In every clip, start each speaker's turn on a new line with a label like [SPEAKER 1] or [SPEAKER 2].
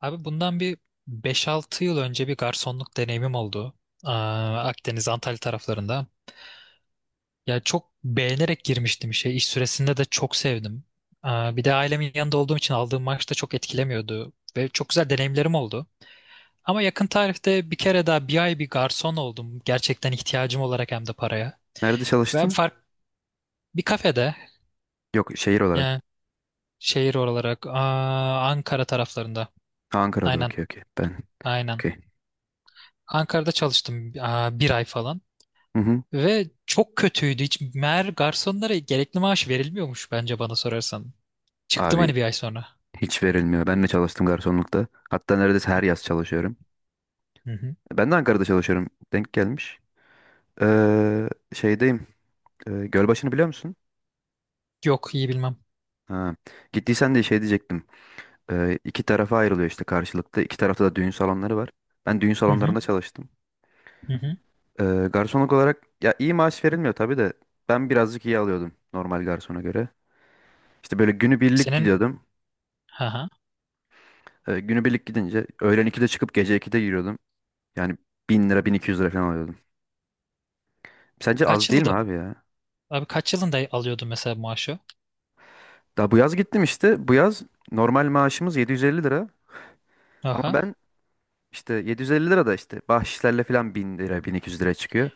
[SPEAKER 1] Abi bundan bir beş altı yıl önce bir garsonluk deneyimim oldu. Akdeniz, Antalya taraflarında. Ya çok beğenerek girmiştim işe. İş süresinde de çok sevdim. Bir de ailemin yanında olduğum için aldığım maaş da çok etkilemiyordu. Ve çok güzel deneyimlerim oldu. Ama yakın tarihte bir kere daha bir ay bir garson oldum. Gerçekten ihtiyacım olarak hem de paraya.
[SPEAKER 2] Nerede
[SPEAKER 1] Ve abi
[SPEAKER 2] çalıştın?
[SPEAKER 1] fark Bir kafede.
[SPEAKER 2] Yok, şehir olarak.
[SPEAKER 1] Yani şehir olarak Ankara taraflarında.
[SPEAKER 2] Ha, Ankara'da
[SPEAKER 1] Aynen,
[SPEAKER 2] okey, okey. Ben
[SPEAKER 1] aynen.
[SPEAKER 2] okey.
[SPEAKER 1] Ankara'da çalıştım bir ay falan.
[SPEAKER 2] Hı hı.
[SPEAKER 1] Ve çok kötüydü. Hiç meğer garsonlara gerekli maaş verilmiyormuş, bence bana sorarsan. Çıktım,
[SPEAKER 2] Abi,
[SPEAKER 1] hani, bir ay sonra.
[SPEAKER 2] hiç verilmiyor. Ben de çalıştım garsonlukta. Hatta neredeyse her yaz çalışıyorum.
[SPEAKER 1] Hı hı.
[SPEAKER 2] Ben de Ankara'da çalışıyorum. Denk gelmiş. Şeydeyim. Gölbaşı'nı biliyor musun?
[SPEAKER 1] Yok, iyi bilmem.
[SPEAKER 2] Ha. Gittiysen de şey diyecektim. İki tarafa ayrılıyor işte karşılıklı. İki tarafta da düğün salonları var. Ben düğün
[SPEAKER 1] Hı hı.
[SPEAKER 2] salonlarında çalıştım.
[SPEAKER 1] Hı hı.
[SPEAKER 2] Ee, garsonluk olarak ya iyi maaş verilmiyor tabii de ben birazcık iyi alıyordum normal garsona göre. İşte böyle günübirlik
[SPEAKER 1] Senin
[SPEAKER 2] gidiyordum.
[SPEAKER 1] ha ha.
[SPEAKER 2] Günübirlik gidince öğlen 2'de çıkıp gece 2'de giriyordum. Yani 1.000 lira, 1200 lira falan alıyordum. Sence az
[SPEAKER 1] Kaç
[SPEAKER 2] değil mi
[SPEAKER 1] yılda
[SPEAKER 2] abi ya?
[SPEAKER 1] Abi kaç yılında alıyordun mesela maaşı?
[SPEAKER 2] Daha bu yaz gittim işte. Bu yaz normal maaşımız 750 lira. Ama
[SPEAKER 1] Aha.
[SPEAKER 2] ben işte 750 lira da işte bahşişlerle falan 1.000 lira, 1.200 lira çıkıyor.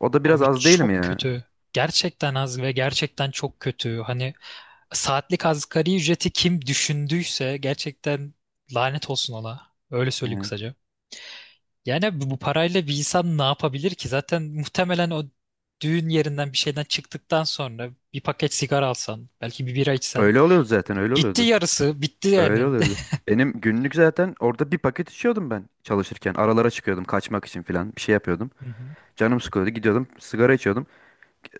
[SPEAKER 2] O da biraz
[SPEAKER 1] Abi
[SPEAKER 2] az değil mi
[SPEAKER 1] çok
[SPEAKER 2] ya?
[SPEAKER 1] kötü. Gerçekten az ve gerçekten çok kötü. Hani saatlik asgari ücreti kim düşündüyse gerçekten lanet olsun ona. Öyle söyleyeyim
[SPEAKER 2] Yani
[SPEAKER 1] kısaca. Yani bu parayla bir insan ne yapabilir ki? Zaten muhtemelen o düğün yerinden bir şeyden çıktıktan sonra bir paket sigara alsan, belki bir bira içsen.
[SPEAKER 2] öyle oluyordu, zaten öyle
[SPEAKER 1] Gitti
[SPEAKER 2] oluyordu.
[SPEAKER 1] yarısı, bitti
[SPEAKER 2] Öyle
[SPEAKER 1] yani.
[SPEAKER 2] oluyordu. Benim günlük zaten orada bir paket içiyordum ben çalışırken. Aralara çıkıyordum, kaçmak için falan bir şey yapıyordum.
[SPEAKER 1] Hı hı.
[SPEAKER 2] Canım sıkıyordu, gidiyordum, sigara içiyordum.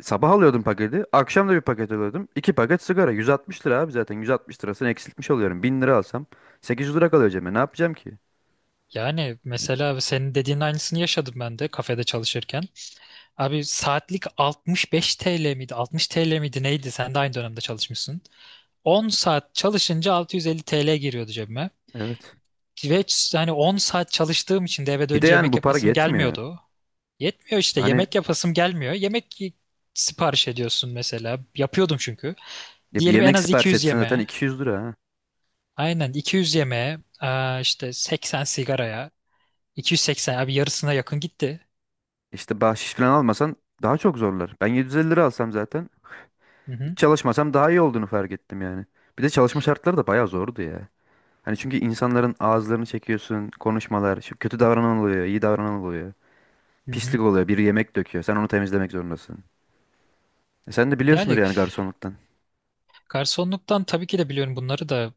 [SPEAKER 2] Sabah alıyordum paketi. Akşam da bir paket alıyordum. İki paket sigara. 160 lira abi zaten. 160 lirasını eksiltmiş oluyorum. 1.000 lira alsam 800 lira kalıyor cebime. Ne yapacağım ki?
[SPEAKER 1] Yani mesela senin dediğin aynısını yaşadım ben de kafede çalışırken. Abi saatlik 65 TL miydi, 60 TL miydi neydi? Sen de aynı dönemde çalışmışsın. 10 saat çalışınca 650 TL giriyordu cebime.
[SPEAKER 2] Evet.
[SPEAKER 1] Hani 10 saat çalıştığım için de eve
[SPEAKER 2] Bir de
[SPEAKER 1] dönünce
[SPEAKER 2] yani
[SPEAKER 1] yemek
[SPEAKER 2] bu para
[SPEAKER 1] yapasım
[SPEAKER 2] yetmiyor.
[SPEAKER 1] gelmiyordu. Yetmiyor işte,
[SPEAKER 2] Hani
[SPEAKER 1] yemek yapasım gelmiyor. Sipariş ediyorsun mesela. Yapıyordum çünkü.
[SPEAKER 2] ya bir
[SPEAKER 1] Diyelim en
[SPEAKER 2] yemek
[SPEAKER 1] az
[SPEAKER 2] sipariş
[SPEAKER 1] 200
[SPEAKER 2] etsen zaten
[SPEAKER 1] yemeğe.
[SPEAKER 2] 200 lira ha.
[SPEAKER 1] Aynen, 200 yemeğe, işte 80 sigaraya. 280, abi yarısına yakın gitti.
[SPEAKER 2] İşte bahşiş falan almasan daha çok zorlar. Ben 750 lira alsam zaten
[SPEAKER 1] Hı
[SPEAKER 2] hiç
[SPEAKER 1] hı,
[SPEAKER 2] çalışmasam daha iyi olduğunu fark ettim yani. Bir de çalışma şartları da bayağı zordu ya. Hani çünkü insanların ağızlarını çekiyorsun, konuşmalar, şu kötü davranan oluyor, iyi davranan oluyor.
[SPEAKER 1] hı hı.
[SPEAKER 2] Pislik oluyor, biri yemek döküyor, sen onu temizlemek zorundasın. Sen de biliyorsundur
[SPEAKER 1] Yani
[SPEAKER 2] yani garsonluktan.
[SPEAKER 1] garsonluktan tabii ki de biliyorum bunları da.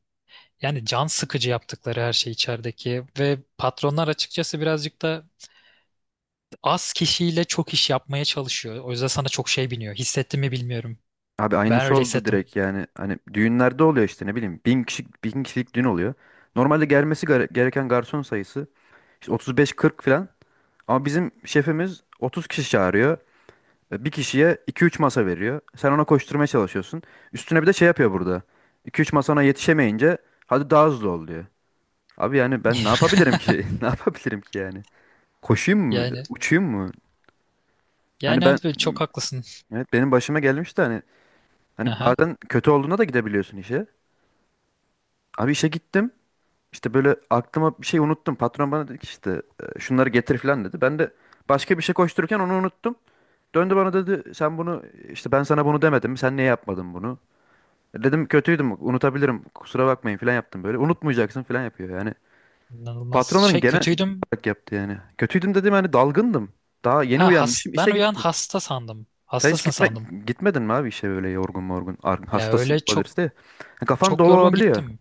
[SPEAKER 1] Yani can sıkıcı yaptıkları her şey içerideki ve patronlar, açıkçası, birazcık da az kişiyle çok iş yapmaya çalışıyor. O yüzden sana çok şey biniyor. Hissettin mi bilmiyorum.
[SPEAKER 2] Abi
[SPEAKER 1] Ben
[SPEAKER 2] aynısı
[SPEAKER 1] öyle
[SPEAKER 2] oldu
[SPEAKER 1] hissettim.
[SPEAKER 2] direkt yani. Hani düğünlerde oluyor işte ne bileyim. Bin kişilik, bin kişilik düğün oluyor. Normalde gelmesi gereken garson sayısı işte 35-40 falan. Ama bizim şefimiz 30 kişi çağırıyor. Bir kişiye 2-3 masa veriyor. Sen ona koşturmaya çalışıyorsun. Üstüne bir de şey yapıyor burada. 2-3 masana yetişemeyince hadi daha hızlı ol diyor. Abi yani ben ne yapabilirim ki? Ne yapabilirim ki yani? Koşayım mı?
[SPEAKER 1] Yani
[SPEAKER 2] Uçayım mı? Hani
[SPEAKER 1] yani
[SPEAKER 2] ben,
[SPEAKER 1] abi çok haklısın.
[SPEAKER 2] evet, benim başıma gelmişti hani. Hani
[SPEAKER 1] Aha,
[SPEAKER 2] bazen kötü olduğuna da gidebiliyorsun işe. Abi işe gittim. İşte böyle aklıma bir şey unuttum. Patron bana dedi ki işte şunları getir falan dedi. Ben de başka bir şey koştururken onu unuttum. Döndü bana dedi sen bunu işte ben sana bunu demedim. Sen niye yapmadın bunu? Dedim kötüydüm, unutabilirim, kusura bakmayın falan yaptım böyle. Unutmayacaksın falan yapıyor yani.
[SPEAKER 1] inanılmaz.
[SPEAKER 2] Patronların
[SPEAKER 1] Şey,
[SPEAKER 2] genel
[SPEAKER 1] kötüydüm.
[SPEAKER 2] olarak yaptı yani. Kötüydüm dedim, hani dalgındım. Daha yeni uyanmışım,
[SPEAKER 1] Ben
[SPEAKER 2] işe
[SPEAKER 1] uyan
[SPEAKER 2] gittim.
[SPEAKER 1] hasta sandım.
[SPEAKER 2] Sen hiç
[SPEAKER 1] Hastasın
[SPEAKER 2] gitme,
[SPEAKER 1] sandım.
[SPEAKER 2] Gitmedin mi abi işe böyle yorgun morgun?
[SPEAKER 1] Ya
[SPEAKER 2] Hastasın
[SPEAKER 1] öyle çok,
[SPEAKER 2] olabilirsin de. Kafan
[SPEAKER 1] çok
[SPEAKER 2] dolu
[SPEAKER 1] yorgun
[SPEAKER 2] olabiliyor.
[SPEAKER 1] gittim.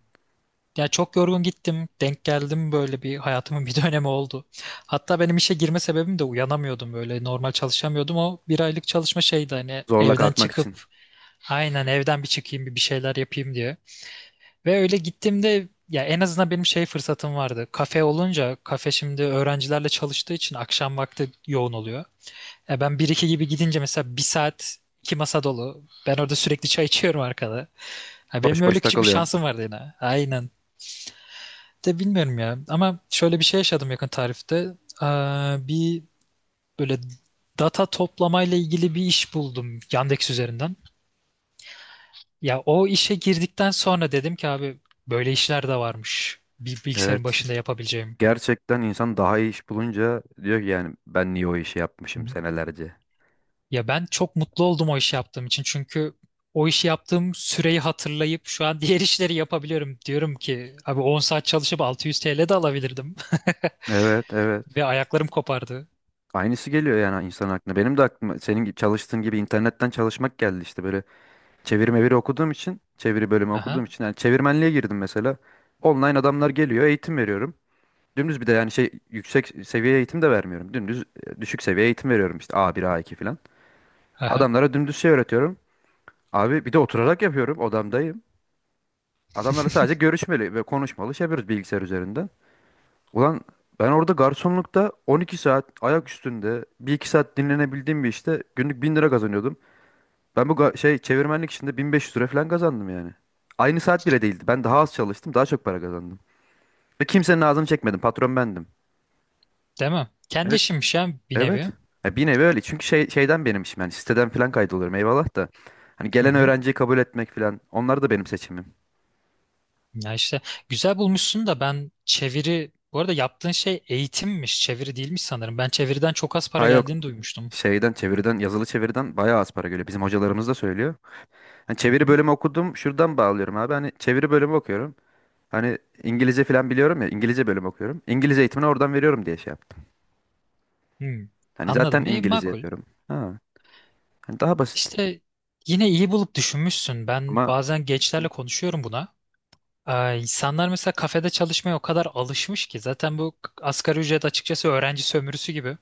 [SPEAKER 1] Ya çok yorgun gittim. Denk geldim, böyle bir hayatımın bir dönemi oldu. Hatta benim işe girme sebebim de uyanamıyordum, böyle normal çalışamıyordum. O bir aylık çalışma şeydi, hani
[SPEAKER 2] Zorla
[SPEAKER 1] evden
[SPEAKER 2] kalkmak
[SPEAKER 1] çıkıp,
[SPEAKER 2] için.
[SPEAKER 1] aynen, evden bir çıkayım, bir şeyler yapayım diye. Ve öyle gittiğimde ya en azından benim şey fırsatım vardı. Kafe olunca, kafe, şimdi öğrencilerle çalıştığı için akşam vakti yoğun oluyor. E ben bir iki gibi gidince mesela bir saat iki masa dolu. Ben orada sürekli çay içiyorum arkada. Ha, benim
[SPEAKER 2] Boş boş
[SPEAKER 1] öyle küçük bir
[SPEAKER 2] takılıyorsun.
[SPEAKER 1] şansım vardı yine. Aynen, de bilmiyorum ya. Ama şöyle bir şey yaşadım yakın tarihte. Ee, Bir böyle data toplamayla ilgili bir iş buldum Yandex üzerinden. Ya o işe girdikten sonra dedim ki abi, böyle işler de varmış. Bir bilgisayarın
[SPEAKER 2] Evet.
[SPEAKER 1] başında yapabileceğim.
[SPEAKER 2] Gerçekten insan daha iyi iş bulunca diyor ki yani ben niye o işi
[SPEAKER 1] Hı
[SPEAKER 2] yapmışım
[SPEAKER 1] hı.
[SPEAKER 2] senelerce.
[SPEAKER 1] Ya ben çok mutlu oldum o işi yaptığım için. Çünkü o işi yaptığım süreyi hatırlayıp şu an diğer işleri yapabiliyorum. Diyorum ki abi, 10 saat çalışıp 600 TL de alabilirdim.
[SPEAKER 2] Evet, evet.
[SPEAKER 1] Ve ayaklarım kopardı.
[SPEAKER 2] Aynısı geliyor yani insan aklına. Benim de aklıma senin gibi çalıştığın gibi internetten çalışmak geldi işte böyle, çeviri meviri okuduğum için, çeviri bölümü okuduğum
[SPEAKER 1] Aha.
[SPEAKER 2] için yani çevirmenliğe girdim mesela. Online adamlar geliyor, eğitim veriyorum. Dümdüz bir de yani şey, yüksek seviye eğitim de vermiyorum. Dümdüz düşük seviye eğitim veriyorum işte, a bir a iki falan.
[SPEAKER 1] Aha.
[SPEAKER 2] Adamlara dümdüz şey öğretiyorum. Abi bir de oturarak yapıyorum, odamdayım. Adamlarla sadece görüşmeli ve konuşmalı şey yapıyoruz bilgisayar üzerinden. Ulan, ben orada garsonlukta 12 saat ayak üstünde, bir iki saat dinlenebildiğim bir işte günlük 1.000 lira kazanıyordum. Ben bu şey çevirmenlik işinde 1.500 lira falan kazandım yani. Aynı saat bile değildi. Ben daha az çalıştım, daha çok para kazandım. Ve kimsenin ağzını çekmedim. Patron bendim.
[SPEAKER 1] Değil mi? Kendi
[SPEAKER 2] Evet,
[SPEAKER 1] işimmiş ya, bir
[SPEAKER 2] evet.
[SPEAKER 1] nevi.
[SPEAKER 2] Ya bir nevi öyle. Çünkü şeyden benim işim, yani siteden falan kaydoluyorum eyvallah da. Hani
[SPEAKER 1] Hı
[SPEAKER 2] gelen
[SPEAKER 1] hı.
[SPEAKER 2] öğrenciyi kabul etmek falan, onlar da benim seçimim.
[SPEAKER 1] Ya işte güzel bulmuşsun da, ben çeviri, bu arada yaptığın şey eğitimmiş, çeviri değilmiş sanırım. Ben çeviriden çok az para
[SPEAKER 2] Ha yok,
[SPEAKER 1] geldiğini duymuştum.
[SPEAKER 2] şeyden, çeviriden, yazılı çeviriden bayağı az para geliyor. Bizim hocalarımız da söylüyor. Hani
[SPEAKER 1] Hı
[SPEAKER 2] çeviri
[SPEAKER 1] hı.
[SPEAKER 2] bölümü okudum, şuradan bağlıyorum abi. Hani çeviri bölümü okuyorum. Hani İngilizce falan biliyorum ya, İngilizce bölümü okuyorum. İngilizce eğitimini oradan veriyorum diye şey yaptım.
[SPEAKER 1] Hı.
[SPEAKER 2] Hani zaten
[SPEAKER 1] Anladım. E,
[SPEAKER 2] İngilizce
[SPEAKER 1] makul.
[SPEAKER 2] yapıyorum. Ha, hani daha basit.
[SPEAKER 1] İşte, yine iyi bulup düşünmüşsün. Ben
[SPEAKER 2] Ama
[SPEAKER 1] bazen gençlerle konuşuyorum buna. İnsanlar mesela kafede çalışmaya o kadar alışmış ki, zaten bu asgari ücret açıkçası öğrenci sömürüsü gibi.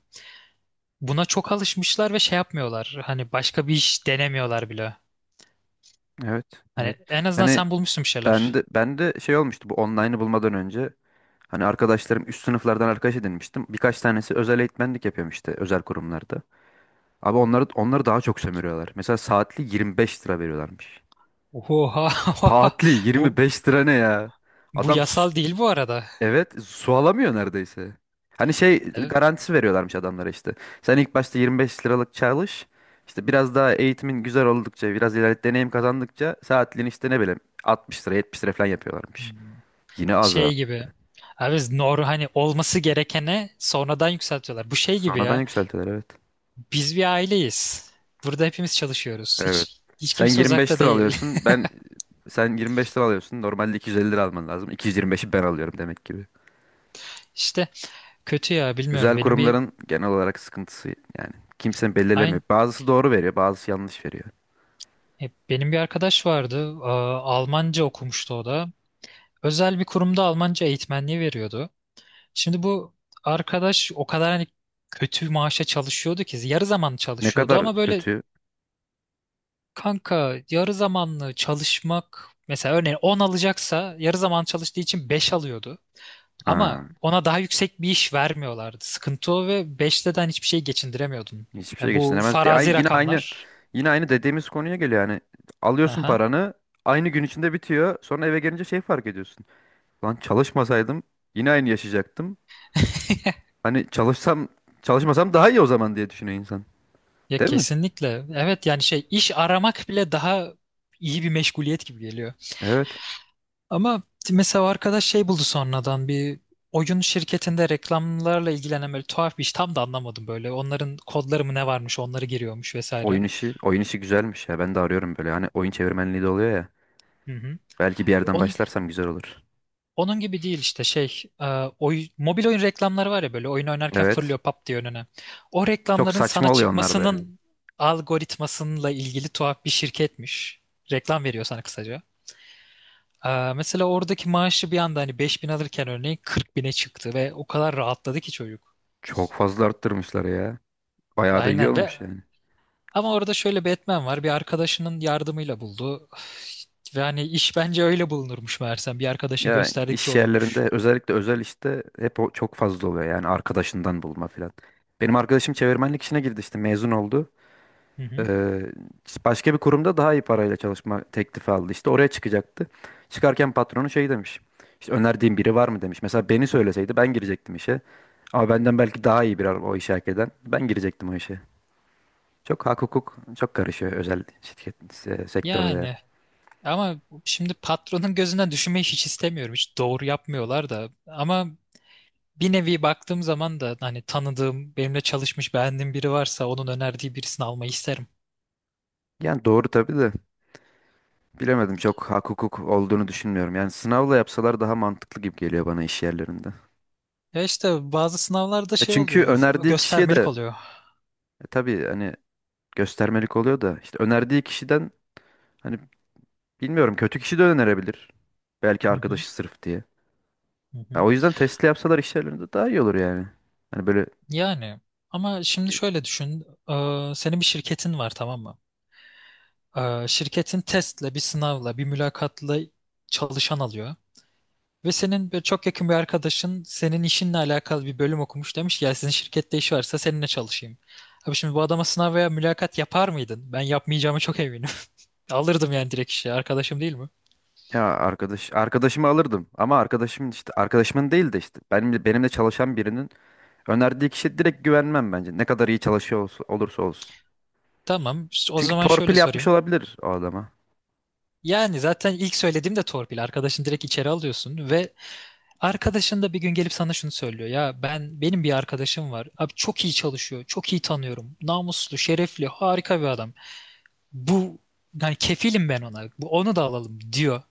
[SPEAKER 1] Buna çok alışmışlar ve şey yapmıyorlar. Hani başka bir iş denemiyorlar bile.
[SPEAKER 2] evet,
[SPEAKER 1] Hani
[SPEAKER 2] evet.
[SPEAKER 1] en azından
[SPEAKER 2] Yani
[SPEAKER 1] sen bulmuşsun bir
[SPEAKER 2] ben
[SPEAKER 1] şeyler.
[SPEAKER 2] de, ben de şey olmuştu bu online'ı bulmadan önce. Hani arkadaşlarım üst sınıflardan arkadaş edinmiştim. Birkaç tanesi özel eğitmenlik yapıyorum işte özel kurumlarda. Abi onları daha çok sömürüyorlar. Mesela saatli 25 lira veriyorlarmış.
[SPEAKER 1] Oha.
[SPEAKER 2] Taatli
[SPEAKER 1] Bu
[SPEAKER 2] 25 lira ne ya?
[SPEAKER 1] Bu
[SPEAKER 2] Adam
[SPEAKER 1] yasal değil bu arada.
[SPEAKER 2] evet, su alamıyor neredeyse. Hani şey
[SPEAKER 1] Evet.
[SPEAKER 2] garantisi veriyorlarmış adamlara işte. Sen ilk başta 25 liralık çalış. İşte biraz daha eğitimin güzel oldukça, biraz ileride deneyim kazandıkça saatliğini işte ne bileyim 60 lira, 70 lira falan yapıyorlarmış.
[SPEAKER 1] Hmm.
[SPEAKER 2] Yine az ha.
[SPEAKER 1] Şey gibi. Abi biz nor, hani olması gerekene sonradan yükseltiyorlar. Bu şey gibi
[SPEAKER 2] Sonradan
[SPEAKER 1] ya.
[SPEAKER 2] yükseltiler, evet.
[SPEAKER 1] Biz bir aileyiz. Burada hepimiz çalışıyoruz.
[SPEAKER 2] Evet.
[SPEAKER 1] Hiç
[SPEAKER 2] Sen
[SPEAKER 1] kimse uzakta
[SPEAKER 2] 25 lira
[SPEAKER 1] değil.
[SPEAKER 2] alıyorsun. Sen 25 lira alıyorsun. Normalde 250 lira alman lazım. 225'i ben alıyorum demek ki.
[SPEAKER 1] İşte kötü ya, bilmiyorum.
[SPEAKER 2] Özel kurumların genel olarak sıkıntısı, yani kimse belirlemiyor.
[SPEAKER 1] Aynı
[SPEAKER 2] Bazısı doğru veriyor, bazısı yanlış veriyor.
[SPEAKER 1] Benim bir arkadaş vardı. Almanca okumuştu o da. Özel bir kurumda Almanca eğitmenliği veriyordu. Şimdi bu arkadaş o kadar, hani, kötü maaşa çalışıyordu ki yarı zamanlı
[SPEAKER 2] Ne
[SPEAKER 1] çalışıyordu,
[SPEAKER 2] kadar
[SPEAKER 1] ama böyle,
[SPEAKER 2] kötü.
[SPEAKER 1] kanka, yarı zamanlı çalışmak mesela, örneğin 10 alacaksa yarı zaman çalıştığı için 5 alıyordu. Ama
[SPEAKER 2] Ha,
[SPEAKER 1] ona daha yüksek bir iş vermiyorlardı. Sıkıntı o ve 5'te de hani hiçbir şey geçindiremiyordun.
[SPEAKER 2] hiçbir şey
[SPEAKER 1] Ya bu
[SPEAKER 2] geçinemez. De- ay-
[SPEAKER 1] farazi
[SPEAKER 2] yine aynı
[SPEAKER 1] rakamlar.
[SPEAKER 2] yine aynı dediğimiz konuya geliyor yani. Alıyorsun
[SPEAKER 1] Aha.
[SPEAKER 2] paranı, aynı gün içinde bitiyor. Sonra eve gelince şey fark ediyorsun. Lan çalışmasaydım yine aynı yaşayacaktım. Hani çalışsam çalışmasam daha iyi o zaman diye düşünüyor insan.
[SPEAKER 1] Ya
[SPEAKER 2] Değil mi?
[SPEAKER 1] kesinlikle. Evet, yani şey, iş aramak bile daha iyi bir meşguliyet gibi geliyor.
[SPEAKER 2] Evet.
[SPEAKER 1] Ama mesela o arkadaş şey buldu sonradan, bir oyun şirketinde reklamlarla ilgilenen böyle tuhaf bir iş, tam da anlamadım böyle. Onların kodları mı ne varmış, onları giriyormuş vesaire.
[SPEAKER 2] Oyun işi, oyun işi güzelmiş ya. Ben de arıyorum böyle. Hani oyun çevirmenliği de oluyor ya.
[SPEAKER 1] Hı hı.
[SPEAKER 2] Belki bir yerden
[SPEAKER 1] Onun,
[SPEAKER 2] başlarsam güzel olur.
[SPEAKER 1] onun gibi değil işte şey, mobil oyun reklamları var ya, böyle oyun oynarken
[SPEAKER 2] Evet.
[SPEAKER 1] fırlıyor pap diye önüne. O
[SPEAKER 2] Çok
[SPEAKER 1] reklamların sana
[SPEAKER 2] saçma oluyor onlar da yani.
[SPEAKER 1] çıkmasının algoritmasıyla ilgili tuhaf bir şirketmiş. Reklam veriyor sana, kısaca. E, mesela oradaki maaşı bir anda, hani, 5.000 alırken örneğin 40.000'e çıktı ve o kadar rahatladı ki çocuk.
[SPEAKER 2] Çok fazla arttırmışlar ya. Bayağı da iyi
[SPEAKER 1] Aynen.
[SPEAKER 2] olmuş yani.
[SPEAKER 1] Ama orada şöyle Batman var. Bir arkadaşının yardımıyla buldu. Ve hani iş bence öyle bulunurmuş meğersem. Bir arkadaşın
[SPEAKER 2] Ya
[SPEAKER 1] gösterdikçe
[SPEAKER 2] iş
[SPEAKER 1] oluyormuş.
[SPEAKER 2] yerlerinde özellikle özel işte hep o çok fazla oluyor yani, arkadaşından bulma filan. Benim arkadaşım çevirmenlik işine girdi işte, mezun oldu.
[SPEAKER 1] Hı hı.
[SPEAKER 2] Ee, başka bir kurumda daha iyi parayla çalışma teklifi aldı, işte oraya çıkacaktı. Çıkarken patronu şey demiş. İşte önerdiğin biri var mı demiş. Mesela beni söyleseydi ben girecektim işe. Ama benden belki daha iyi bir o işe hak eden ben girecektim o işe. Çok hak hukuk çok karışıyor özel şirket sektörde.
[SPEAKER 1] Yani ama şimdi patronun gözünden düşünmeyi hiç istemiyorum. Hiç doğru yapmıyorlar da. Ama bir nevi baktığım zaman da, hani, tanıdığım, benimle çalışmış, beğendiğim biri varsa onun önerdiği birisini almayı isterim.
[SPEAKER 2] Yani doğru tabii de bilemedim, çok hak hukuk olduğunu düşünmüyorum. Yani sınavla yapsalar daha mantıklı gibi geliyor bana iş yerlerinde.
[SPEAKER 1] Ya işte bazı sınavlarda şey
[SPEAKER 2] Çünkü
[SPEAKER 1] oluyor,
[SPEAKER 2] önerdiği kişiye
[SPEAKER 1] göstermelik
[SPEAKER 2] de
[SPEAKER 1] oluyor.
[SPEAKER 2] tabii hani göstermelik oluyor da işte önerdiği kişiden hani bilmiyorum kötü kişi de önerebilir. Belki
[SPEAKER 1] Hı hı,
[SPEAKER 2] arkadaşı sırf diye.
[SPEAKER 1] hı
[SPEAKER 2] Ya
[SPEAKER 1] hı.
[SPEAKER 2] o yüzden testli yapsalar iş yerlerinde daha iyi olur yani. Hani böyle,
[SPEAKER 1] Yani ama şimdi şöyle düşün. Senin bir şirketin var, tamam mı? Şirketin testle, bir sınavla, bir mülakatla çalışan alıyor. Ve senin böyle çok yakın bir arkadaşın senin işinle alakalı bir bölüm okumuş, demiş ki ya, sizin şirkette iş varsa seninle çalışayım. Abi şimdi bu adama sınav veya mülakat yapar mıydın? Ben yapmayacağıma çok eminim. Alırdım yani direkt işe. Arkadaşım değil mi?
[SPEAKER 2] ya arkadaşımı alırdım ama arkadaşım işte arkadaşımın değil de işte benimle çalışan birinin önerdiği kişiye direkt güvenmem bence. Ne kadar iyi çalışıyor olursa olsun.
[SPEAKER 1] Tamam. İşte o
[SPEAKER 2] Çünkü
[SPEAKER 1] zaman
[SPEAKER 2] torpil
[SPEAKER 1] şöyle
[SPEAKER 2] yapmış
[SPEAKER 1] sorayım.
[SPEAKER 2] olabilir o adama.
[SPEAKER 1] Yani zaten ilk söylediğim de torpil. Arkadaşın direkt içeri alıyorsun ve arkadaşın da bir gün gelip sana şunu söylüyor: ya ben, benim bir arkadaşım var. Abi çok iyi çalışıyor. Çok iyi tanıyorum. Namuslu, şerefli, harika bir adam. Bu Yani kefilim ben ona. Bu, onu da alalım diyor.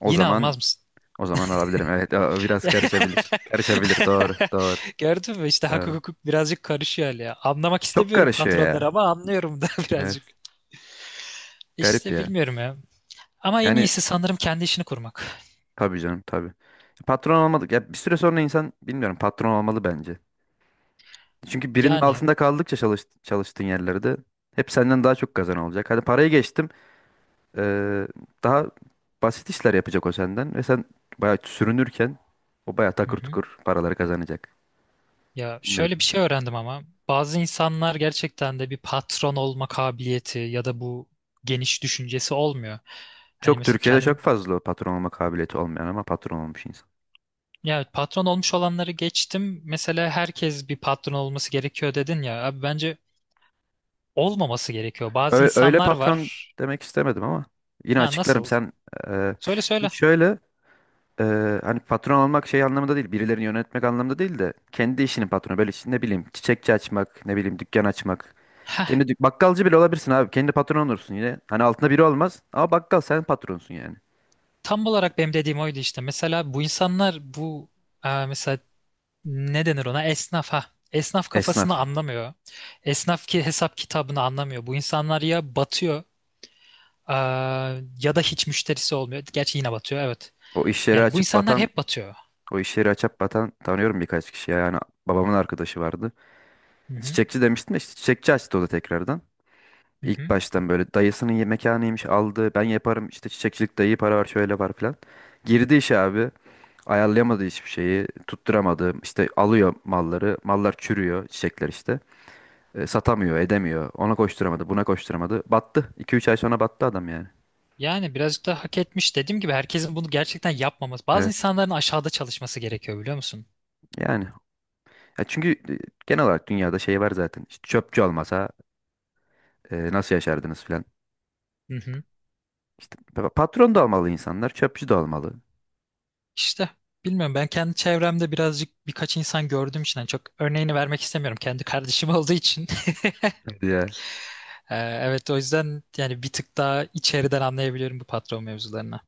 [SPEAKER 2] O
[SPEAKER 1] Yine
[SPEAKER 2] zaman
[SPEAKER 1] almaz mısın?
[SPEAKER 2] o zaman alabilirim. Evet, o biraz karışabilir. Karışabilir. Doğru, doğru,
[SPEAKER 1] Gördün mü işte, hak
[SPEAKER 2] doğru.
[SPEAKER 1] hukuk birazcık karışıyor hali ya. Anlamak
[SPEAKER 2] Çok
[SPEAKER 1] istemiyorum
[SPEAKER 2] karışıyor
[SPEAKER 1] patronları,
[SPEAKER 2] ya.
[SPEAKER 1] ama anlıyorum da birazcık.
[SPEAKER 2] Evet, garip
[SPEAKER 1] İşte
[SPEAKER 2] ya.
[SPEAKER 1] bilmiyorum ya. Ama en
[SPEAKER 2] Yani
[SPEAKER 1] iyisi sanırım kendi işini kurmak.
[SPEAKER 2] tabii canım, tabii. Patron olmadık. Ya bir süre sonra insan bilmiyorum patron olmalı bence. Çünkü birinin
[SPEAKER 1] Yani,
[SPEAKER 2] altında kaldıkça çalıştığın yerlerde hep senden daha çok kazan olacak. Hadi parayı geçtim. eee, daha basit işler yapacak o senden ve sen bayağı sürünürken o bayağı
[SPEAKER 1] hı
[SPEAKER 2] takır
[SPEAKER 1] hı.
[SPEAKER 2] tukur paraları kazanacak.
[SPEAKER 1] Ya şöyle bir
[SPEAKER 2] Bilmiyorum.
[SPEAKER 1] şey öğrendim ama, bazı insanlar gerçekten de bir patron olma kabiliyeti ya da bu geniş düşüncesi olmuyor. Hani mesela
[SPEAKER 2] Türkiye'de çok
[SPEAKER 1] kendim,
[SPEAKER 2] fazla o patron olma kabiliyeti olmayan ama patron olmuş insan.
[SPEAKER 1] ya patron olmuş olanları geçtim. Mesela herkes bir patron olması gerekiyor dedin ya. Abi bence olmaması gerekiyor. Bazı
[SPEAKER 2] Öyle
[SPEAKER 1] insanlar
[SPEAKER 2] patron
[SPEAKER 1] var.
[SPEAKER 2] demek istemedim ama yine
[SPEAKER 1] Ha,
[SPEAKER 2] açıklarım.
[SPEAKER 1] nasıl?
[SPEAKER 2] Sen e,
[SPEAKER 1] Söyle söyle.
[SPEAKER 2] şimdi şöyle hani patron olmak şey anlamında değil, birilerini yönetmek anlamında değil de kendi işinin patronu. Böyle işte ne bileyim çiçekçi açmak, ne bileyim dükkan açmak.
[SPEAKER 1] Heh,
[SPEAKER 2] Kendi bakkalcı bile olabilirsin abi. Kendi patron olursun yine. Hani altında biri olmaz ama bakkal, sen patronsun yani.
[SPEAKER 1] tam olarak benim dediğim oydu işte. Mesela bu insanlar, mesela, ne denir ona? Esnaf, ha. Esnaf kafasını
[SPEAKER 2] Esnaf.
[SPEAKER 1] anlamıyor. Esnaf ki hesap kitabını anlamıyor. Bu insanlar ya batıyor, ya da hiç müşterisi olmuyor. Gerçi yine batıyor, evet.
[SPEAKER 2] O iş yeri
[SPEAKER 1] Yani bu
[SPEAKER 2] açıp
[SPEAKER 1] insanlar
[SPEAKER 2] batan,
[SPEAKER 1] hep batıyor.
[SPEAKER 2] o iş yeri açıp batan tanıyorum birkaç kişi. Yani babamın arkadaşı vardı.
[SPEAKER 1] Hı hı,
[SPEAKER 2] Çiçekçi demiştim de, işte çiçekçi açtı o da tekrardan.
[SPEAKER 1] hı
[SPEAKER 2] İlk
[SPEAKER 1] hı.
[SPEAKER 2] baştan böyle dayısının mekanıymış, aldı. Ben yaparım işte, çiçekçilik iyi para var şöyle var filan. Girdi işe abi. Ayarlayamadı hiçbir şeyi. Tutturamadı. İşte alıyor malları. Mallar çürüyor çiçekler işte. Satamıyor edemiyor. Ona koşturamadı, buna koşturamadı. Battı. 2 üç ay sonra battı adam yani.
[SPEAKER 1] Yani birazcık da hak etmiş. Dediğim gibi, herkesin bunu gerçekten yapmaması. Bazı
[SPEAKER 2] Evet.
[SPEAKER 1] insanların aşağıda çalışması gerekiyor, biliyor musun?
[SPEAKER 2] Yani. Ya çünkü genel olarak dünyada şey var zaten. İşte çöpçü olmasa nasıl yaşardınız filan.
[SPEAKER 1] Hı hı.
[SPEAKER 2] İşte patron da olmalı insanlar. Çöpçü de olmalı.
[SPEAKER 1] İşte bilmiyorum, ben kendi çevremde birazcık, birkaç insan gördüğüm için hani çok örneğini vermek istemiyorum. Kendi kardeşim olduğu için.
[SPEAKER 2] Evet. Ya.
[SPEAKER 1] Ee, evet, o yüzden yani bir tık daha içeriden anlayabiliyorum bu patron mevzularını.